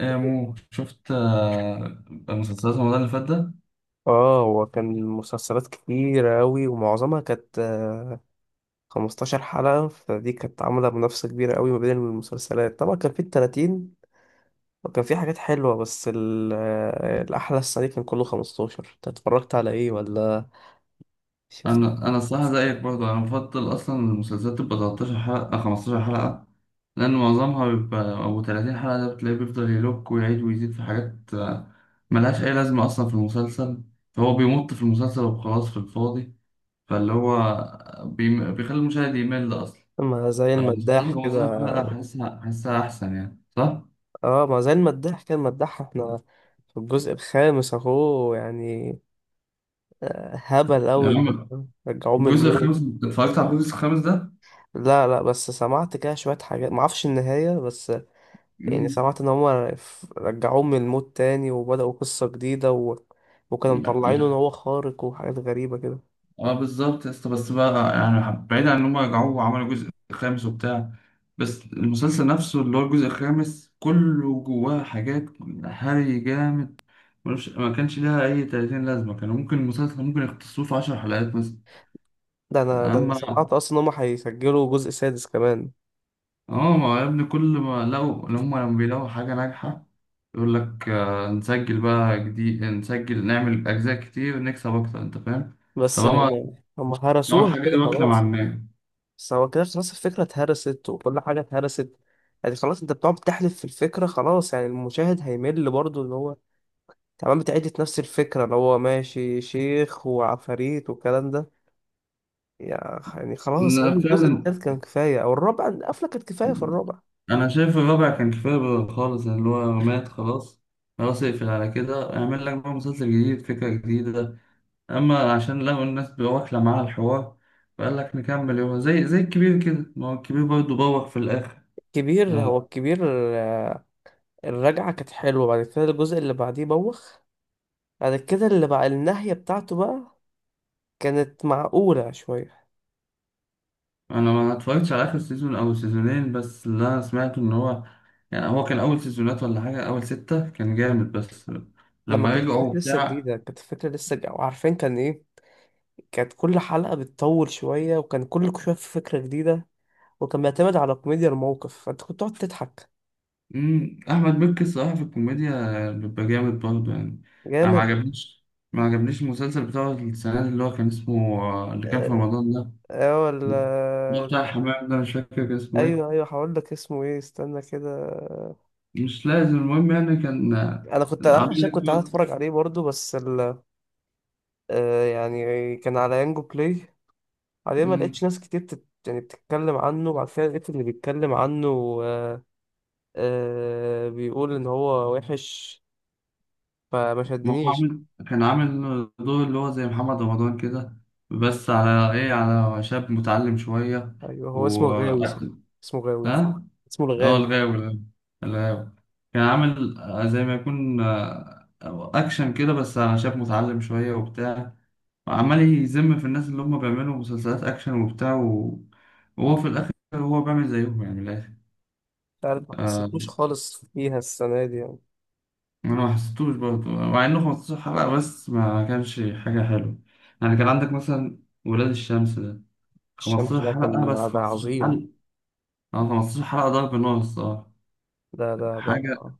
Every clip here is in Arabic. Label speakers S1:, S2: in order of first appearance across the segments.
S1: إيه يا مو شفت، مسلسلات رمضان اللي فات ده.
S2: اه، هو كان مسلسلات كتيرة أوي ومعظمها كانت 15 حلقة. فدي كانت عاملة منافسة كبيرة أوي ما بين المسلسلات. طبعا كان في التلاتين وكان في حاجات حلوة، بس الأحلى السنة دي كان كله 15. أنت اتفرجت على إيه ولا شفت؟
S1: انا الصراحه زيك برضه، انا بفضل اصلا المسلسلات تبقى 13 حلقه، 15 حلقه، لان معظمها بيبقى او 30 حلقه، ده بتلاقيه بيفضل يلوك ويعيد ويزيد في حاجات ملهاش اي لازمه اصلا في المسلسل. فهو بيمط في المسلسل وخلاص في الفاضي. فاللي هو بيخلي المشاهد يمل اصلا.
S2: ما زي المداح
S1: فالمسلسلات
S2: كده.
S1: 15 حلقه، حاسسها احسن يعني، صح؟
S2: اه، ما زي المداح، كان مداح احنا في الجزء الخامس اهو، يعني هبل
S1: يا
S2: قوي.
S1: عم
S2: رجعوه من
S1: الجزء الخامس،
S2: الموت.
S1: اتفرجت على الجزء الخامس ده؟
S2: لا، لا، بس سمعت كده شوية حاجات، معرفش النهاية بس. يعني سمعت ان هما رجعوه من الموت تاني وبدأوا قصة جديدة وكانوا مطلعينه ان
S1: مم.
S2: هو خارق وحاجات غريبة كده.
S1: اه بالظبط يا اسطى، بس بقى يعني بعيد عن ان هم رجعوه وعملوا جزء خامس وبتاع، بس المسلسل نفسه اللي هو الجزء الخامس كله جواه حاجات هري جامد، ملوش، ما كانش لها اي 30 لازمه، كان ممكن المسلسل ممكن يختصروه في 10 حلقات مثلا.
S2: ده انا
S1: اما
S2: سمعت اصلا ان هما هيسجلوا جزء سادس كمان.
S1: اه، ما هو يا ابني كل ما لقوا اللي هم، لما بيلاقوا حاجه ناجحه يقول لك نسجل بقى جديد، نسجل نعمل اجزاء كتير نكسب اكتر، انت فاهم.
S2: بس لو
S1: طالما
S2: ما هم
S1: طالما
S2: هرسوها
S1: الحاجه
S2: كده
S1: دي واكله مع
S2: خلاص.
S1: الناس.
S2: بس هو كده خلاص، الفكرة اتهرست وكل حاجة اتهرست. يعني خلاص، انت بتقعد تحلف في الفكرة. خلاص، يعني المشاهد هيمل برضه ان هو تمام بتعيد نفس الفكرة اللي هو ماشي شيخ وعفاريت والكلام ده. يعني خلاص، هو
S1: لا،
S2: الجزء
S1: فعلا
S2: التالت كان كفاية، أو الرابع القفلة كانت كفاية في الرابع.
S1: انا شايف الرابع كان كفايه بقى خالص، يعني اللي هو مات خلاص، خلاص اقفل على كده، اعمل لك بقى مسلسل جديد فكره جديده. اما عشان لقوا الناس بقى واكله معاها الحوار، فقال لك نكمل، يوم زي الكبير كده، ما هو الكبير برضه بوق في الاخر.
S2: كبير، هو الكبير. آه، الرجعة كانت حلوة. بعد كده الجزء اللي بعديه بوخ. بعد كده اللي بقى النهاية بتاعته بقى كانت معقولة شوية.
S1: انا ما اتفرجتش على اخر سيزون او سيزونين، بس اللي انا سمعته ان هو يعني هو كان اول سيزونات ولا حاجه، اول سته كان جامد، بس
S2: لما
S1: لما
S2: كانت
S1: رجعوا
S2: الفكرة لسه
S1: بتاع.
S2: جديدة، كانت الفكرة لسه ج- وعارفين كان إيه. كانت كل حلقة بتطول شوية، وكان كل شوية في فكرة جديدة، وكان بيعتمد على كوميديا الموقف، فأنت كنت تقعد تضحك.
S1: مم. أحمد مكي الصراحة في الكوميديا بيبقى جامد برضه يعني. أنا ما
S2: جامد.
S1: عجبنيش، ما عجبنيش المسلسل بتاع السنة دي اللي هو كان اسمه اللي كان في
S2: اه.
S1: رمضان ده،
S2: آه،
S1: اللي هو بتاع
S2: ولا-
S1: الحمام ده، مش فاكر كان اسمه إيه.
S2: ايوه، ايوه، هقول لك اسمه ايه، استنى كده.
S1: مش لازم، المهم يعني كان
S2: انا كنت
S1: عامل
S2: عشان
S1: لك.
S2: كنت قاعد اتفرج عليه برضو، بس يعني كان على يانجو بلاي. عليه ما لقيتش
S1: مم.
S2: ناس كتير يعني بتتكلم عنه، وبعد كده لقيت اللي بيتكلم عنه. آه بيقول ان هو وحش، فما
S1: ما هو
S2: شدنيش.
S1: عامل، كان عامل دور اللي هو زي محمد رمضان كده، بس على إيه، على شاب متعلم شوية،
S2: ايوه، هو اسمه
S1: و
S2: غاوي صح. اسمه غاوي،
S1: ها؟
S2: اسمه
S1: اه
S2: الغاوي.
S1: الغاوي ده. الغاوي كان عامل زي ما يكون اكشن كده، بس على شاب متعلم شويه وبتاع، وعمال يذم في الناس اللي هم بيعملوا مسلسلات اكشن وبتاع وهو في الاخر هو بيعمل زيهم، يعني من الاخر.
S2: مش عارف، ما
S1: آه،
S2: حسيتوش خالص فيها السنة دي يعني.
S1: انا ما حسيتوش برضه، مع انه 15 حلقه بس ما كانش حاجه حلوه. يعني كان عندك مثلا ولاد الشمس ده،
S2: الشمس
S1: 15
S2: ده كان،
S1: حلقه بس،
S2: ده
S1: 15
S2: عظيم.
S1: حلقه. اه 15 حلقه ضرب نار الصراحه.
S2: ده
S1: حاجه،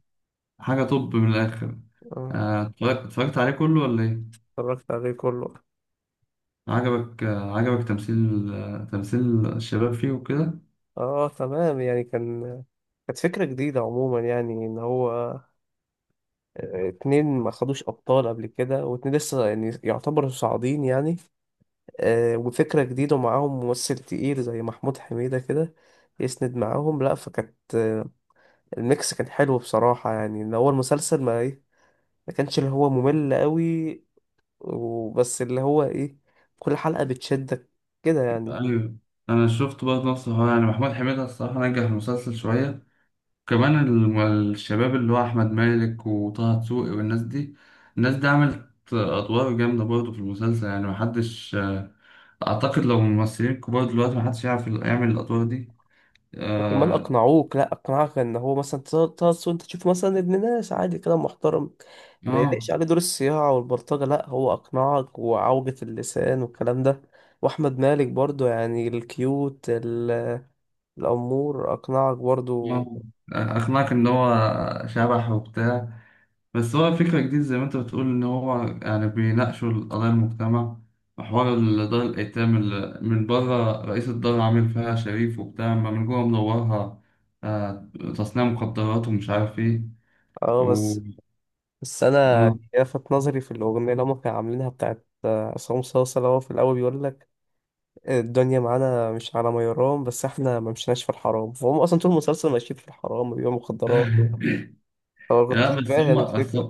S1: حاجة طب من الآخر.
S2: آه،
S1: اتفرجت عليه كله ولا إيه؟
S2: اتفرجت عليه كله.
S1: عجبك، عجبك تمثيل، تمثيل الشباب فيه وكده؟
S2: اه، تمام يعني. كانت فكرة جديدة عموما، يعني ان هو اتنين ما خدوش أبطال قبل كده، واتنين لسه يعني يعتبروا صاعدين يعني. وفكرة جديدة ومعاهم ممثل تقيل زي محمود حميدة كده يسند معاهم. لا، فكانت الميكس كان حلو بصراحة. يعني إن هو المسلسل ما كانش اللي هو ممل قوي. وبس اللي هو إيه، كل حلقة بتشدك كده يعني.
S1: أيوة، أنا شفت برضه نفس الحوار، يعني محمود حميدة الصراحة نجح المسلسل شوية كمان. الشباب اللي هو أحمد مالك وطه دسوقي والناس دي، الناس دي عملت أدوار جامدة برضه في المسلسل، يعني محدش أعتقد لو ممثلين كبار دلوقتي، محدش يعرف يعمل الأدوار دي.
S2: كمان
S1: آه،
S2: اقنعوك، لا، اقنعك ان هو مثلا تقص، وانت تشوف مثلا ابن ناس عادي كده محترم ما
S1: آه،
S2: يليقش عليه دور الصياعه والبلطجه. لا، هو اقنعك، وعوجة اللسان والكلام ده. واحمد مالك برضو يعني، الكيوت الامور اقنعك برضو.
S1: آه. أقنعك إن هو شبح وبتاع، بس هو فكرة جديدة زي ما انت بتقول، ان هو يعني بيناقشوا القضايا المجتمع، وحوار دار الايتام، اللي من بره رئيس الدار عامل فيها شريف وبتاع، اما من جوه منورها آه، تصنيع مخدرات ومش عارف ايه
S2: اه،
S1: و...
S2: بس انا
S1: اه.
S2: لفت نظري في الاغنيه اللي هم كانوا عاملينها بتاعت عصام صاصا، اللي هو في الاول بيقول لك الدنيا معانا مش على ما يرام، بس احنا ما مشيناش في الحرام. فهم اصلا طول المسلسل ماشيين في الحرام، بيبيعوا مخدرات. هو كنت
S1: لا بس
S2: فاهم
S1: هم، بس
S2: الفكرة.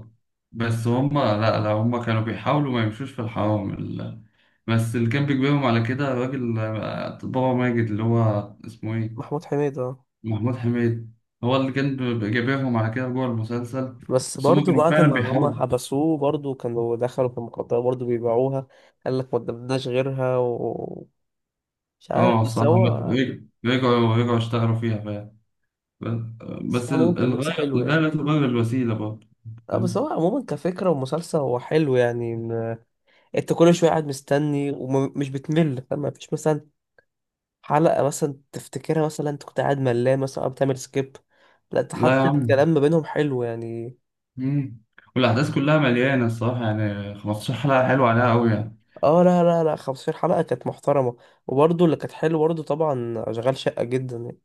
S1: بس هم لا، لا، هم كانوا بيحاولوا ما يمشوش في الحرام بس اللي كان بيجبرهم على كده الراجل بابا ماجد، اللي هو اسمه ايه،
S2: محمود حميد، اه.
S1: محمود حميد. هو اللي كان جايبهم على كده جوه المسلسل.
S2: بس
S1: بس هم
S2: برضو
S1: كانوا
S2: بعد
S1: فعلا
S2: ما هم
S1: بيحاولوا.
S2: حبسوه برضو، كانوا دخلوا في المخدرات برضو بيبيعوها. قال لك ما قدمناش غيرها، ومش عارف،
S1: اه
S2: بس
S1: صح،
S2: هو.
S1: رجعوا اشتغلوا فيها فعلا.
S2: بس هو عموما كان ميكس
S1: الغاية
S2: حلو
S1: الغاية
S2: يعني.
S1: لا تبرر الوسيلة برضه.
S2: اه، بس
S1: فاهم.
S2: هو عموما كفكرة ومسلسل، هو حلو يعني. انت كل شوية قاعد مستني ومش بتمل، فاهم؟ مفيش مثلا حلقة مثلا تفتكرها مثلا انت كنت قاعد ملان مثلا، أو بتعمل سكيب. لا، انت
S1: لا يا
S2: حتى
S1: عم.
S2: الكلام ما بينهم حلو يعني.
S1: مم. والأحداث كلها مليانة الصراحة، يعني 15 حلقة حلوة عليها أوي يعني.
S2: اه، لا، لا، لا، 15 حلقة كانت محترمة. وبرضه اللي كانت حلوة برضه طبعا أشغال شقة جدا يعني.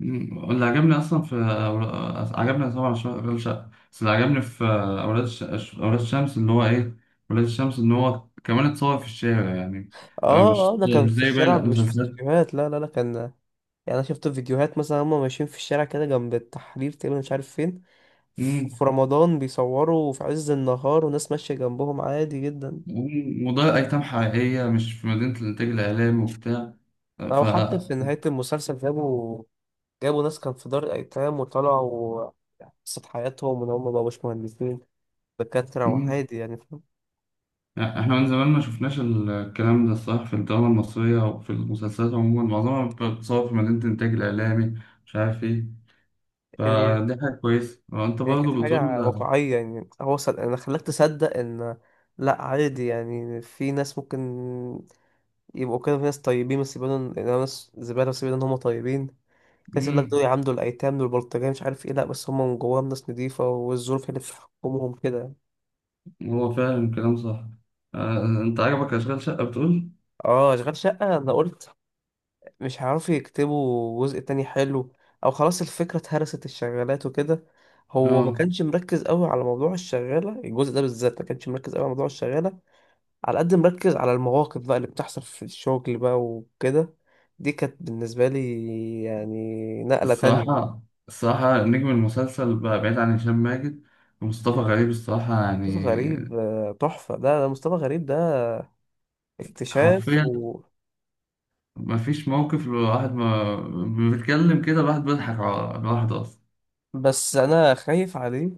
S1: مم. اللي عجبني اصلا في عجبني طبعا أولاد شقة، بس اللي عجبني في اولاد الشمس ان هو ايه، اولاد الشمس ان هو كمان اتصور في الشارع يعني،
S2: اه، اه،
S1: مش
S2: ده كان في
S1: زي باقي
S2: الشارع مش في
S1: المسلسلات.
S2: استوديوهات. لا، لا، لا، كان. يعني أنا شفت فيديوهات مثلا هما ماشيين في الشارع كده جنب التحرير تقريبا، مش عارف فين.
S1: مم.
S2: في رمضان بيصوروا في عز النهار وناس ماشية جنبهم عادي جدا.
S1: مم. وده ايتام حقيقية، مش في مدينة الانتاج الاعلامي وبتاع. آه،
S2: أو
S1: ف
S2: حتى في نهاية المسلسل جابوا ناس كان في دار الأيتام، وطلعوا يعني قصة حياتهم، وإن هما مبقوش مهندسين دكاترة
S1: مم.
S2: وعادي يعني، فاهم؟
S1: احنا من زمان ما شفناش الكلام ده الصراحة في الدراما المصرية، وفي المسلسلات عموما معظمها بتتصور في مدينة الانتاج الاعلامي، مش عارف ايه.
S2: يعني
S1: فدي حاجة كويسة، وأنت
S2: يعني كانت
S1: برضه بتقول.
S2: حاجة واقعية. يعني هو أنا خلاك تصدق إن، لأ، عادي يعني. في ناس ممكن يبقوا كده. في ناس طيبين بس يبانوا إن ناس زبالة، بس يبانوا إن هما طيبين. في ناس يقول لك دول
S1: امم،
S2: يعاملوا الأيتام، دول بلطجية، مش عارف إيه. لأ، بس هما من جواهم ناس نضيفة، والظروف هي اللي بتحكمهم كده.
S1: هو فعلا كلام صح. انت عجبك اشغال شقة بتقول.
S2: اه، أشغال شقة. أنا قلت مش هيعرفوا يكتبوا جزء تاني حلو، أو خلاص الفكرة اتهرست، الشغالات وكده. هو ما
S1: اه
S2: كانش مركز قوي على موضوع الشغالة الجزء ده، بالذات ما كانش مركز قوي على موضوع الشغالة، على قد مركز على المواقف بقى اللي بتحصل في الشغل بقى وكده. دي كانت بالنسبة لي يعني نقلة تانية.
S1: الصراحة، الصراحة نجم المسلسل بقى، بعيد عن هشام ماجد، ومصطفى غريب الصراحة يعني.
S2: مصطفى غريب تحفة. ده ده مصطفى غريب ده اكتشاف
S1: حرفيا مفيش موقف، الواحد ما بيتكلم كده الواحد بيضحك على الواحد أصلا.
S2: بس أنا خايف عليه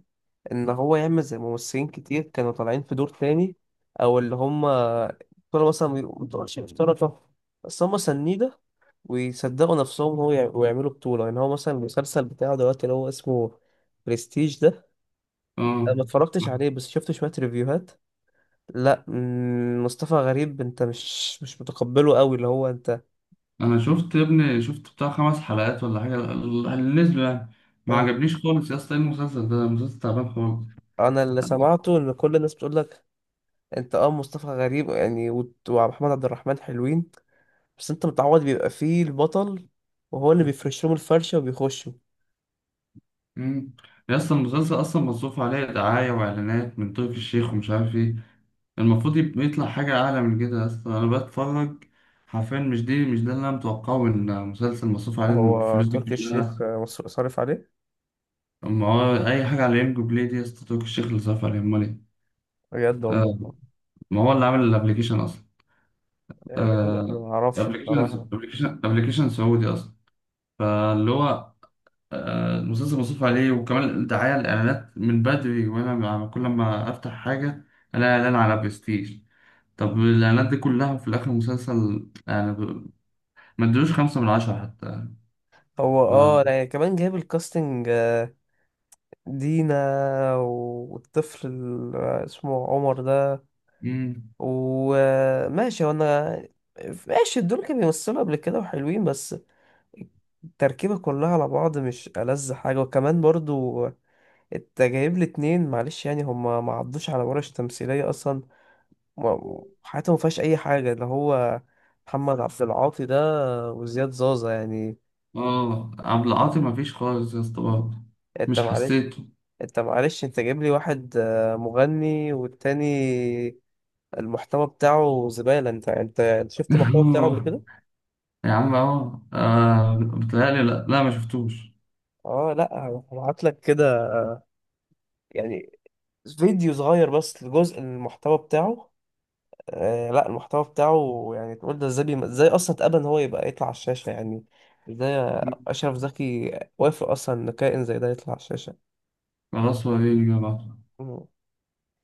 S2: إن هو يعمل زي ممثلين كتير كانوا طالعين في دور تاني، أو اللي هما كانوا مثلا مبتبقاش مشتركة بس هما سنيدة، ويصدقوا نفسهم هو ويعملوا بطولة. يعني هو مثلا المسلسل بتاعه دلوقتي اللي هو اسمه برستيج ده، انا
S1: اه
S2: ما اتفرجتش عليه بس شفت شوية ريفيوهات. لا، مصطفى غريب، انت مش متقبله قوي اللي هو انت.
S1: أنا شفت يا ابني، شفت بتاع خمس حلقات ولا حاجة اللي نزلوا يعني. ما
S2: آه.
S1: عجبنيش خالص يا اسطى، إيه المسلسل ده، المسلسل تعبان خالص.
S2: انا اللي سمعته ان كل الناس بتقول لك، انت اه، مصطفى غريب يعني ومحمد عبد الرحمن حلوين، بس انت متعود بيبقى فيه البطل، وهو اللي بيفرش لهم الفرشة وبيخشوا.
S1: مم. يا اصلا المسلسل اصلا مصروف عليه دعاية واعلانات من تركي الشيخ ومش عارف ايه، المفروض يطلع حاجة اعلى من كده اصلا. انا بتفرج حرفيا، مش دي، مش ده اللي انا متوقعه من مسلسل مصروف عليه
S2: هو
S1: الفلوس دي
S2: تركي الشيخ
S1: كلها.
S2: صارف عليه.
S1: ما هو اي حاجة على ام بلاي دي يا اسطى تركي الشيخ اللي صرف عليها، امال ايه.
S2: بجد، والله.
S1: آه، ما هو اللي عامل الابلكيشن اصلا.
S2: يا جدع أنا
S1: آه،
S2: ما اعرفش
S1: ابلكيشن
S2: بصراحة.
S1: ابلكيشن ابلكيشن سعودي اصلا. فاللي هو المسلسل مصروف عليه، وكمان الدعاية الإعلانات من بدري، وأنا كل ما أفتح حاجة ألاقي إعلان على برستيج. طب الإعلانات دي كلها وفي الآخر مسلسل يعني ما ادلوش 5 من 10 حتى.
S2: هو
S1: ما
S2: اه، لا يعني، كمان جايب الكاستنج دينا، والطفل اسمه عمر ده،
S1: مم.
S2: وماشي. وانا ماشي، دول كانوا بيمثلوا قبل كده وحلوين، بس التركيبة كلها على بعض مش ألذ حاجة. وكمان برضو انت جايب لي اتنين، معلش يعني هما ما عدوش على ورش تمثيلية أصلا، حياتهم ما فيهاش أي حاجة. اللي هو محمد عبد العاطي ده وزياد زازا يعني.
S1: آه عبد العاطي ما فيش خالص يا اسطى برضه،
S2: انت
S1: مش
S2: معلش
S1: حسيته.
S2: انت معلش انت جايب لي واحد مغني، والتاني المحتوى بتاعه زبالة. انت شفت المحتوى بتاعه قبل
S1: آه،
S2: كده؟
S1: يا عم آه آه، بتهيألي لأ، لا ما شفتوش.
S2: اه، لا. هبعت لك كده يعني فيديو صغير بس لجزء المحتوى بتاعه. آه، لا، المحتوى بتاعه يعني تقول ده ازاي ازاي اصلا اتقبل ان هو يبقى يطلع على الشاشة؟ يعني ازاي اشرف زكي وافق اصلا ان كائن زي ده يطلع على الشاشة؟
S1: خلاص وريني بقى.